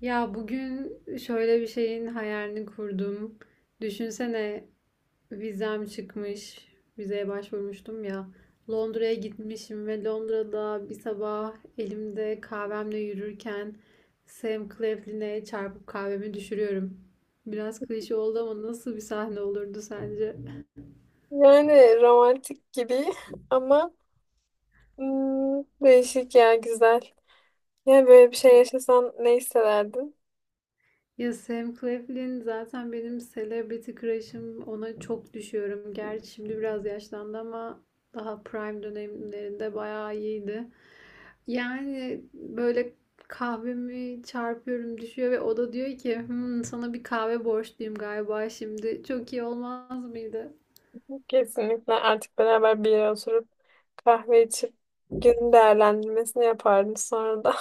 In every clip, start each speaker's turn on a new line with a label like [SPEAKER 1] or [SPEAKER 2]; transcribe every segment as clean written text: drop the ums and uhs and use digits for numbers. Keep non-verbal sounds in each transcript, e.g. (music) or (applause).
[SPEAKER 1] Ya bugün şöyle bir şeyin hayalini kurdum. Düşünsene vizem çıkmış. Vizeye başvurmuştum ya. Londra'ya gitmişim ve Londra'da bir sabah elimde kahvemle yürürken Sam Claflin'e çarpıp kahvemi düşürüyorum. Biraz klişe oldu ama nasıl bir sahne olurdu sence?
[SPEAKER 2] Yani romantik gibi (laughs) ama değişik ya güzel. Ya böyle bir şey yaşasan ne hissederdin?
[SPEAKER 1] Ya Sam Claflin zaten benim celebrity crush'ım. Ona çok düşüyorum. Gerçi şimdi biraz yaşlandı ama daha prime dönemlerinde bayağı iyiydi. Yani böyle kahvemi çarpıyorum düşüyor ve o da diyor ki "Hmm, sana bir kahve borçluyum galiba şimdi. Çok iyi olmaz mıydı?
[SPEAKER 2] Kesinlikle artık beraber bir yere oturup kahve içip günün değerlendirmesini yapardın sonra da.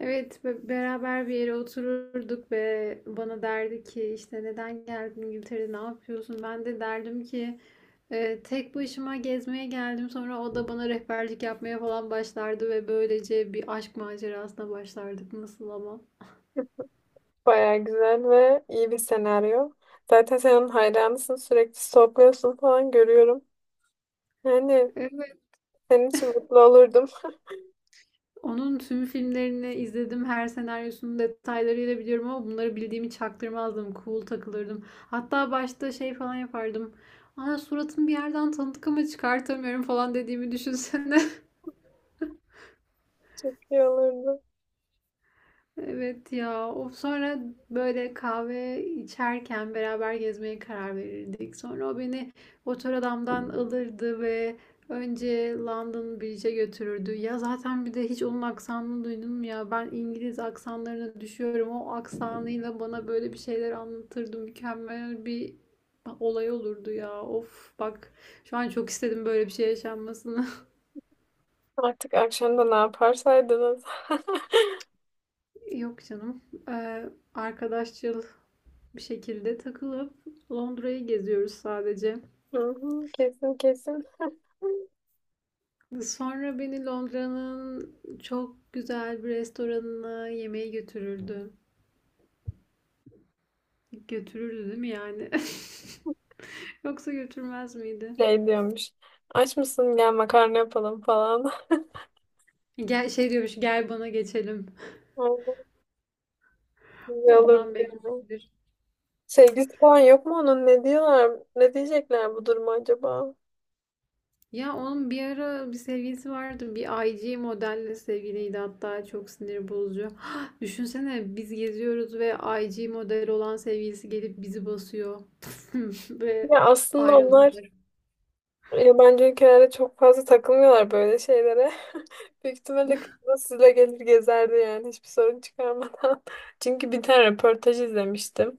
[SPEAKER 1] Evet beraber bir yere otururduk ve bana derdi ki işte neden geldin İngiltere'de ne yapıyorsun? Ben de derdim ki tek başıma gezmeye geldim. Sonra o da bana rehberlik yapmaya falan başlardı ve böylece bir aşk macerasına başlardık. Nasıl ama?
[SPEAKER 2] (laughs) Baya güzel ve iyi bir senaryo. Zaten sen onun hayranısın, sürekli stalkluyorsun falan görüyorum. Yani
[SPEAKER 1] Evet.
[SPEAKER 2] senin için mutlu olurdum.
[SPEAKER 1] Onun tüm filmlerini izledim. Her senaryosunun detaylarıyla biliyorum ama bunları bildiğimi çaktırmazdım. Cool takılırdım. Hatta başta şey falan yapardım. Aa, suratını bir yerden tanıdık ama çıkartamıyorum falan dediğimi düşünsene.
[SPEAKER 2] (laughs) Çok iyi olurdu.
[SPEAKER 1] Evet ya. O sonra böyle kahve içerken beraber gezmeye karar verirdik. Sonra o beni otor adamdan alırdı ve önce London Bridge'e götürürdü. Ya zaten bir de hiç onun aksanını duydun mu ya? Ben İngiliz aksanlarına düşüyorum. O aksanıyla bana böyle bir şeyler anlatırdı. Mükemmel bir olay olurdu ya. Of bak, şu an çok istedim böyle bir şey yaşanmasını.
[SPEAKER 2] Artık akşam da ne yaparsaydınız. (laughs)
[SPEAKER 1] (laughs) Yok canım. Arkadaşçıl bir şekilde takılıp Londra'yı geziyoruz sadece.
[SPEAKER 2] Hı hı, kesin kesin. (laughs)
[SPEAKER 1] Sonra beni Londra'nın çok güzel bir restoranına yemeğe götürürdü. Götürürdü değil mi yani? (laughs) Yoksa götürmez miydi?
[SPEAKER 2] Şey diyormuş. Aç mısın, gel makarna yapalım falan. (laughs)
[SPEAKER 1] Gel şey diyormuş, gel bana geçelim.
[SPEAKER 2] Aynen, güzel
[SPEAKER 1] Ondan
[SPEAKER 2] olur diyor.
[SPEAKER 1] bekleyebilir.
[SPEAKER 2] Sevgisi falan yok mu onun? Ne diyorlar? Ne diyecekler bu duruma acaba?
[SPEAKER 1] Ya onun bir ara bir sevgilisi vardı. Bir IG modelle sevgiliydi, hatta çok sinir bozucu. (gasps) Düşünsene biz geziyoruz ve IG model olan sevgilisi gelip bizi basıyor. (laughs) Ve
[SPEAKER 2] Ya aslında onlar
[SPEAKER 1] ayrılıyor.
[SPEAKER 2] yabancı ülkelerde çok fazla takılmıyorlar böyle şeylere. (laughs) Büyük ihtimalle kız da sizle gelir gezerdi, yani hiçbir sorun çıkarmadan. (laughs) Çünkü bir tane röportaj izlemiştim.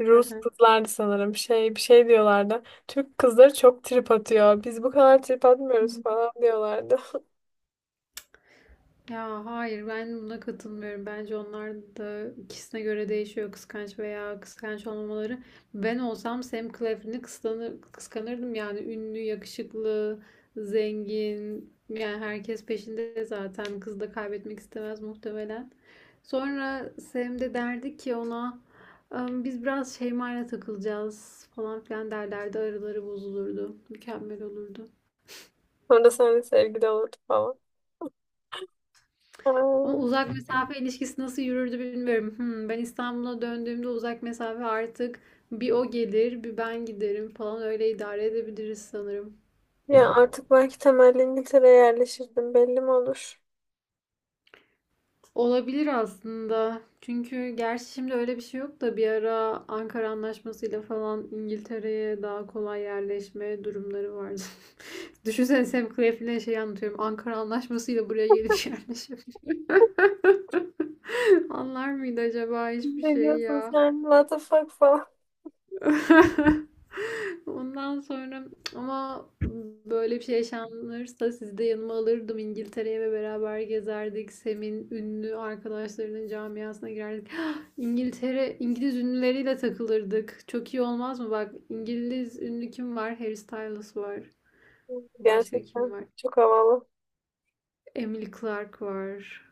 [SPEAKER 2] Rus
[SPEAKER 1] (laughs)
[SPEAKER 2] kızlardı sanırım. Şey, bir şey diyorlardı. Türk kızları çok trip atıyor. Biz bu kadar trip atmıyoruz falan diyorlardı.
[SPEAKER 1] Ya hayır, ben buna katılmıyorum. Bence onlar da ikisine göre değişiyor, kıskanç veya kıskanç olmaları. Ben olsam Sam Claflin'i kıskanırdım yani; ünlü, yakışıklı, zengin. Yani herkes peşinde zaten. Kız da kaybetmek istemez muhtemelen. Sonra Sam de derdi ki ona "Am, biz biraz Şeyma'yla takılacağız falan filan" derlerdi. Araları bozulurdu. Mükemmel olurdu.
[SPEAKER 2] Sonra seninle sevgili olurdu falan.
[SPEAKER 1] Ama
[SPEAKER 2] Ay,
[SPEAKER 1] uzak mesafe ilişkisi nasıl yürürdü bilmiyorum. Hmm, ben İstanbul'a döndüğümde uzak mesafe artık bir o gelir, bir ben giderim falan, öyle idare edebiliriz sanırım.
[SPEAKER 2] ya artık belki temelli İngiltere'ye yerleşirdim. Belli mi olur?
[SPEAKER 1] Olabilir aslında. Çünkü gerçi şimdi öyle bir şey yok da bir ara Ankara Anlaşması'yla falan İngiltere'ye daha kolay yerleşme durumları vardı. (laughs) Düşünsene Sam Claflin'e şey anlatıyorum. Ankara Anlaşması'yla buraya gelip yerleşebiliyor. (laughs) Anlar mıydı acaba hiçbir
[SPEAKER 2] Ne
[SPEAKER 1] şey
[SPEAKER 2] diyorsun
[SPEAKER 1] ya?
[SPEAKER 2] sen? What the fuck falan.
[SPEAKER 1] (laughs) Ondan sonra ama böyle bir şey yaşanırsa sizi de yanıma alırdım İngiltere'ye ve beraber gezerdik. Sem'in ünlü arkadaşlarının camiasına girerdik. İngiltere, İngiliz ünlüleriyle takılırdık. Çok iyi olmaz mı? Bak, İngiliz ünlü kim var? Harry Styles var. Başka kim
[SPEAKER 2] Gerçekten
[SPEAKER 1] var?
[SPEAKER 2] çok havalı.
[SPEAKER 1] Emily Clark var.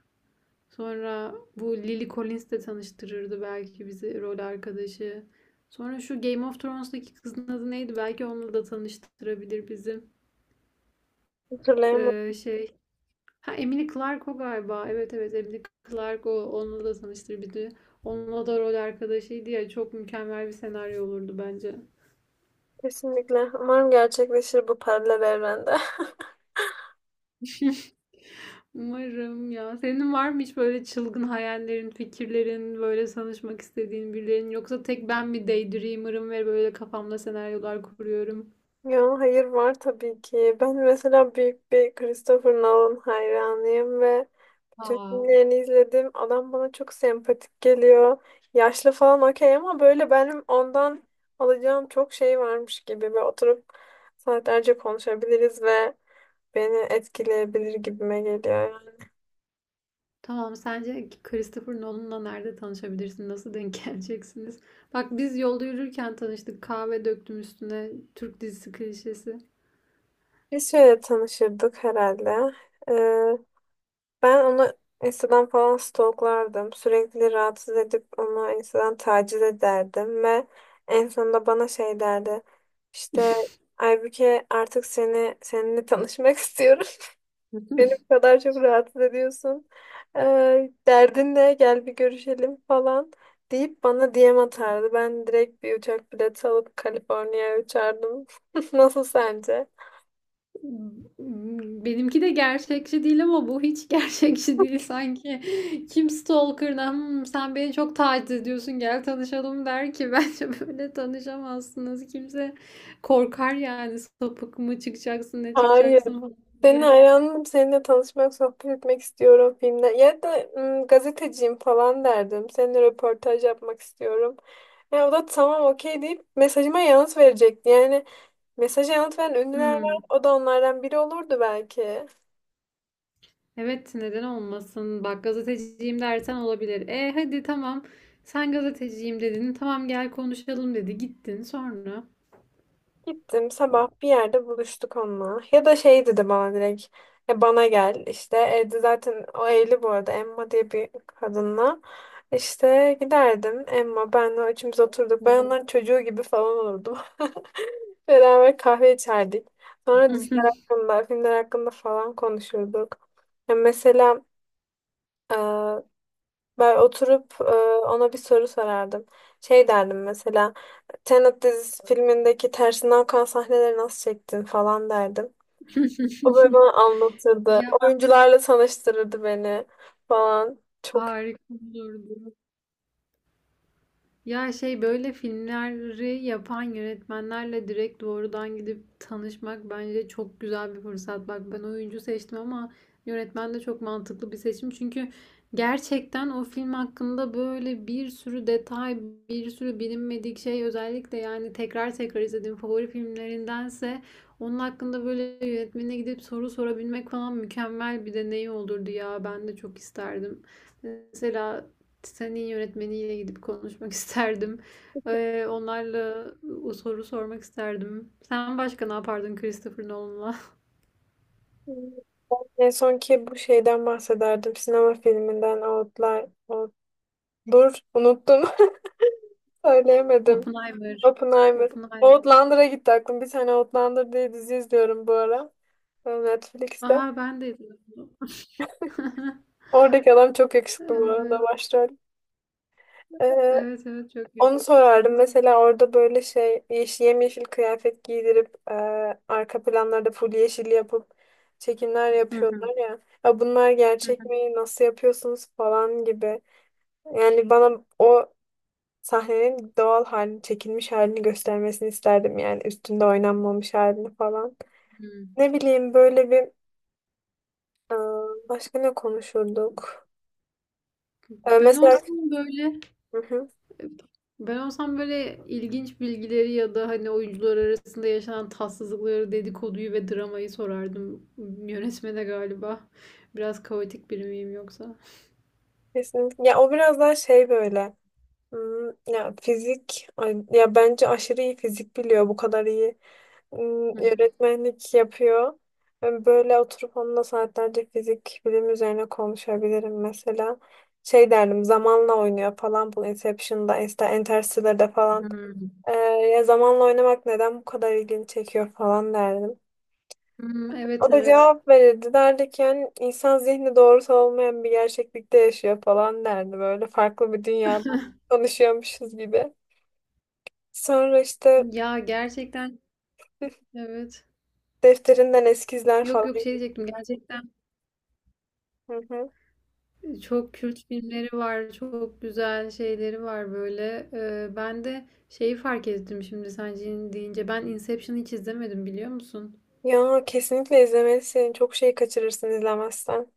[SPEAKER 1] Sonra bu Lily Collins de tanıştırırdı belki bizi, rol arkadaşı. Sonra şu Game of Thrones'daki kızın adı neydi? Belki onunla da tanıştırabilir bizi. Ee,
[SPEAKER 2] Hatırlayamadım.
[SPEAKER 1] şey. Ha, Emily Clark o galiba. Evet evet, Emily Clark o. Onunla da tanıştır bizi. Onunla da rol arkadaşıydı ya. Çok mükemmel bir senaryo olurdu bence.
[SPEAKER 2] Kesinlikle. Umarım gerçekleşir bu paralel evrende. (laughs)
[SPEAKER 1] Umarım ya. Senin var mı hiç böyle çılgın hayallerin, fikirlerin, böyle tanışmak istediğin birilerinin? Yoksa tek ben mi daydreamer'ım ve böyle kafamda senaryolar kuruyorum?
[SPEAKER 2] Ya hayır, var tabii ki. Ben mesela büyük bir Christopher Nolan hayranıyım ve tüm
[SPEAKER 1] Aa.
[SPEAKER 2] filmlerini izledim. Adam bana çok sempatik geliyor. Yaşlı falan okey, ama böyle benim ondan alacağım çok şey varmış gibi. Ve oturup saatlerce konuşabiliriz ve beni etkileyebilir gibime geliyor. Yani.
[SPEAKER 1] Tamam, sence Christopher Nolan'la nerede tanışabilirsin? Nasıl denk (laughs) geleceksiniz? Bak, biz yolda yürürken tanıştık. Kahve döktüm üstüne. Türk dizisi klişesi.
[SPEAKER 2] Biz şöyle tanışırdık herhalde. Ee, ben onu Instagram falan stalklardım. Sürekli rahatsız edip onu Instagram taciz ederdim ve en sonunda bana şey derdi. İşte
[SPEAKER 1] (laughs)
[SPEAKER 2] Aybüke, artık seni seninle tanışmak (laughs) istiyorum. Beni bu kadar çok rahatsız ediyorsun. Derdin ne? Gel bir görüşelim falan deyip bana DM atardı. Ben direkt bir uçak bileti alıp Kaliforniya'ya uçardım. (laughs) Nasıl sence?
[SPEAKER 1] Benimki de gerçekçi değil ama bu hiç (laughs) gerçekçi değil sanki. Kim stalker'ına "Hmm, sen beni çok taciz ediyorsun gel tanışalım" der ki? (laughs) Bence böyle tanışamazsınız. Kimse korkar yani, sapık mı çıkacaksın ne
[SPEAKER 2] Hayır.
[SPEAKER 1] çıkacaksın falan
[SPEAKER 2] Senin
[SPEAKER 1] diye.
[SPEAKER 2] hayranım. Seninle tanışmak, sohbet etmek istiyorum filmde. Ya da gazeteciyim falan derdim. Seninle röportaj yapmak istiyorum. Ya o da tamam okey deyip mesajıma yanıt verecekti. Yani mesaja yanıt veren ünlüler var.
[SPEAKER 1] Hmm.
[SPEAKER 2] O da onlardan biri olurdu belki.
[SPEAKER 1] Evet, neden olmasın? Bak, gazeteciyim dersen olabilir. E hadi tamam. Sen gazeteciyim dedin. Tamam gel konuşalım dedi. Gittin sonra.
[SPEAKER 2] Gittim sabah bir yerde buluştuk onunla. Ya da şey dedi bana direkt. E bana gel işte, evde zaten o evli bu arada, Emma diye bir kadınla. İşte giderdim, Emma benle üçümüz oturduk. Ben onların çocuğu gibi falan olurdum. (laughs) Beraber kahve içerdik. Sonra diziler
[SPEAKER 1] (laughs)
[SPEAKER 2] hakkında, filmler hakkında falan konuşurduk. Ya mesela e, ben oturup ona bir soru sorardım. Şey derdim mesela, Tenet dizisi filmindeki tersinden akan sahneleri nasıl çektin falan derdim. O böyle bana anlatırdı.
[SPEAKER 1] Ya
[SPEAKER 2] Oyuncularla tanıştırırdı beni falan. Çok
[SPEAKER 1] harika olurdu. Ya şey, böyle filmleri yapan yönetmenlerle direkt doğrudan gidip tanışmak bence çok güzel bir fırsat. Bak, ben oyuncu seçtim ama yönetmen de çok mantıklı bir seçim. Çünkü gerçekten o film hakkında böyle bir sürü detay, bir sürü bilinmedik şey, özellikle yani tekrar tekrar izlediğim favori filmlerindense onun hakkında böyle yönetmenine gidip soru sorabilmek falan mükemmel bir deneyim olurdu ya. Ben de çok isterdim. Mesela senin yönetmeniyle gidip konuşmak (laughs) isterdim. Onlarla o soru sormak isterdim. Sen başka ne yapardın Christopher Nolan'la?
[SPEAKER 2] iyi. En son ki bu şeyden bahsederdim. Sinema filminden Outlier. Dur unuttum. (laughs)
[SPEAKER 1] (laughs)
[SPEAKER 2] Söyleyemedim.
[SPEAKER 1] Oppenheimer.
[SPEAKER 2] Oppenheimer.
[SPEAKER 1] Oppenheimer.
[SPEAKER 2] Outlander'a gitti aklım. Bir tane Outlander diye dizi izliyorum bu ara. Netflix'te.
[SPEAKER 1] Aa, ben de izledim bunu. (laughs)
[SPEAKER 2] Oradaki adam çok yakışıklı bu arada,
[SPEAKER 1] Evet.
[SPEAKER 2] başrol. Ee,
[SPEAKER 1] Evet evet, çok
[SPEAKER 2] Onu sorardım.
[SPEAKER 1] yakışıklı.
[SPEAKER 2] Mesela orada böyle şey yemyeşil kıyafet giydirip arka planlarda full yeşil yapıp çekimler
[SPEAKER 1] Hı hı,
[SPEAKER 2] yapıyorlar ya. Ya bunlar gerçek
[SPEAKER 1] hı
[SPEAKER 2] mi? Nasıl yapıyorsunuz falan gibi. Yani bana o sahnenin doğal halini, çekilmiş halini göstermesini isterdim, yani üstünde oynanmamış halini falan.
[SPEAKER 1] hı.
[SPEAKER 2] Ne bileyim, böyle bir e, başka ne konuşurduk?
[SPEAKER 1] Ben
[SPEAKER 2] Mesela,
[SPEAKER 1] olsam böyle
[SPEAKER 2] hı hı,
[SPEAKER 1] Ben olsam böyle ilginç bilgileri ya da hani oyuncular arasında yaşanan tatsızlıkları, dedikoduyu ve dramayı sorardım yönetmene galiba. Biraz kaotik biri miyim yoksa?
[SPEAKER 2] kesinlikle. Ya o biraz daha şey böyle. Ya fizik ya bence aşırı iyi fizik biliyor, bu kadar iyi
[SPEAKER 1] Hı hı.
[SPEAKER 2] Öğretmenlik yapıyor. Ben böyle oturup onunla saatlerce fizik bilim üzerine konuşabilirim mesela. Şey derdim, zamanla oynuyor falan bu Inception'da, Interstellar'da falan.
[SPEAKER 1] Hmm.
[SPEAKER 2] Ee, ya zamanla oynamak neden bu kadar ilgini çekiyor falan derdim.
[SPEAKER 1] Hmm, evet
[SPEAKER 2] O da
[SPEAKER 1] evet.
[SPEAKER 2] cevap verirdi, derdi ki yani insan zihni doğrusu olmayan bir gerçeklikte yaşıyor falan derdi, böyle farklı bir dünyada
[SPEAKER 1] (laughs)
[SPEAKER 2] konuşuyormuşuz gibi. Sonra işte
[SPEAKER 1] Ya gerçekten,
[SPEAKER 2] (laughs)
[SPEAKER 1] evet.
[SPEAKER 2] defterinden eskizler
[SPEAKER 1] Yok
[SPEAKER 2] falan.
[SPEAKER 1] yok, şey
[SPEAKER 2] Gibi.
[SPEAKER 1] diyecektim gerçekten.
[SPEAKER 2] Hı hı.
[SPEAKER 1] Çok kült filmleri var, çok güzel şeyleri var böyle. Ben de şeyi fark ettim şimdi sen deyince, ben Inception'ı hiç izlemedim biliyor musun?
[SPEAKER 2] Ya kesinlikle izlemelisin. Çok şey kaçırırsın izlemezsen.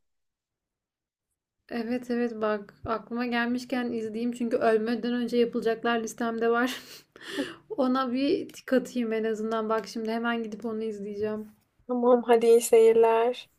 [SPEAKER 1] Evet evet, bak aklıma gelmişken izleyeyim, çünkü ölmeden önce yapılacaklar listemde var. (laughs) Ona bir tik atayım en azından, bak şimdi hemen gidip onu izleyeceğim.
[SPEAKER 2] Tamam hadi, iyi seyirler.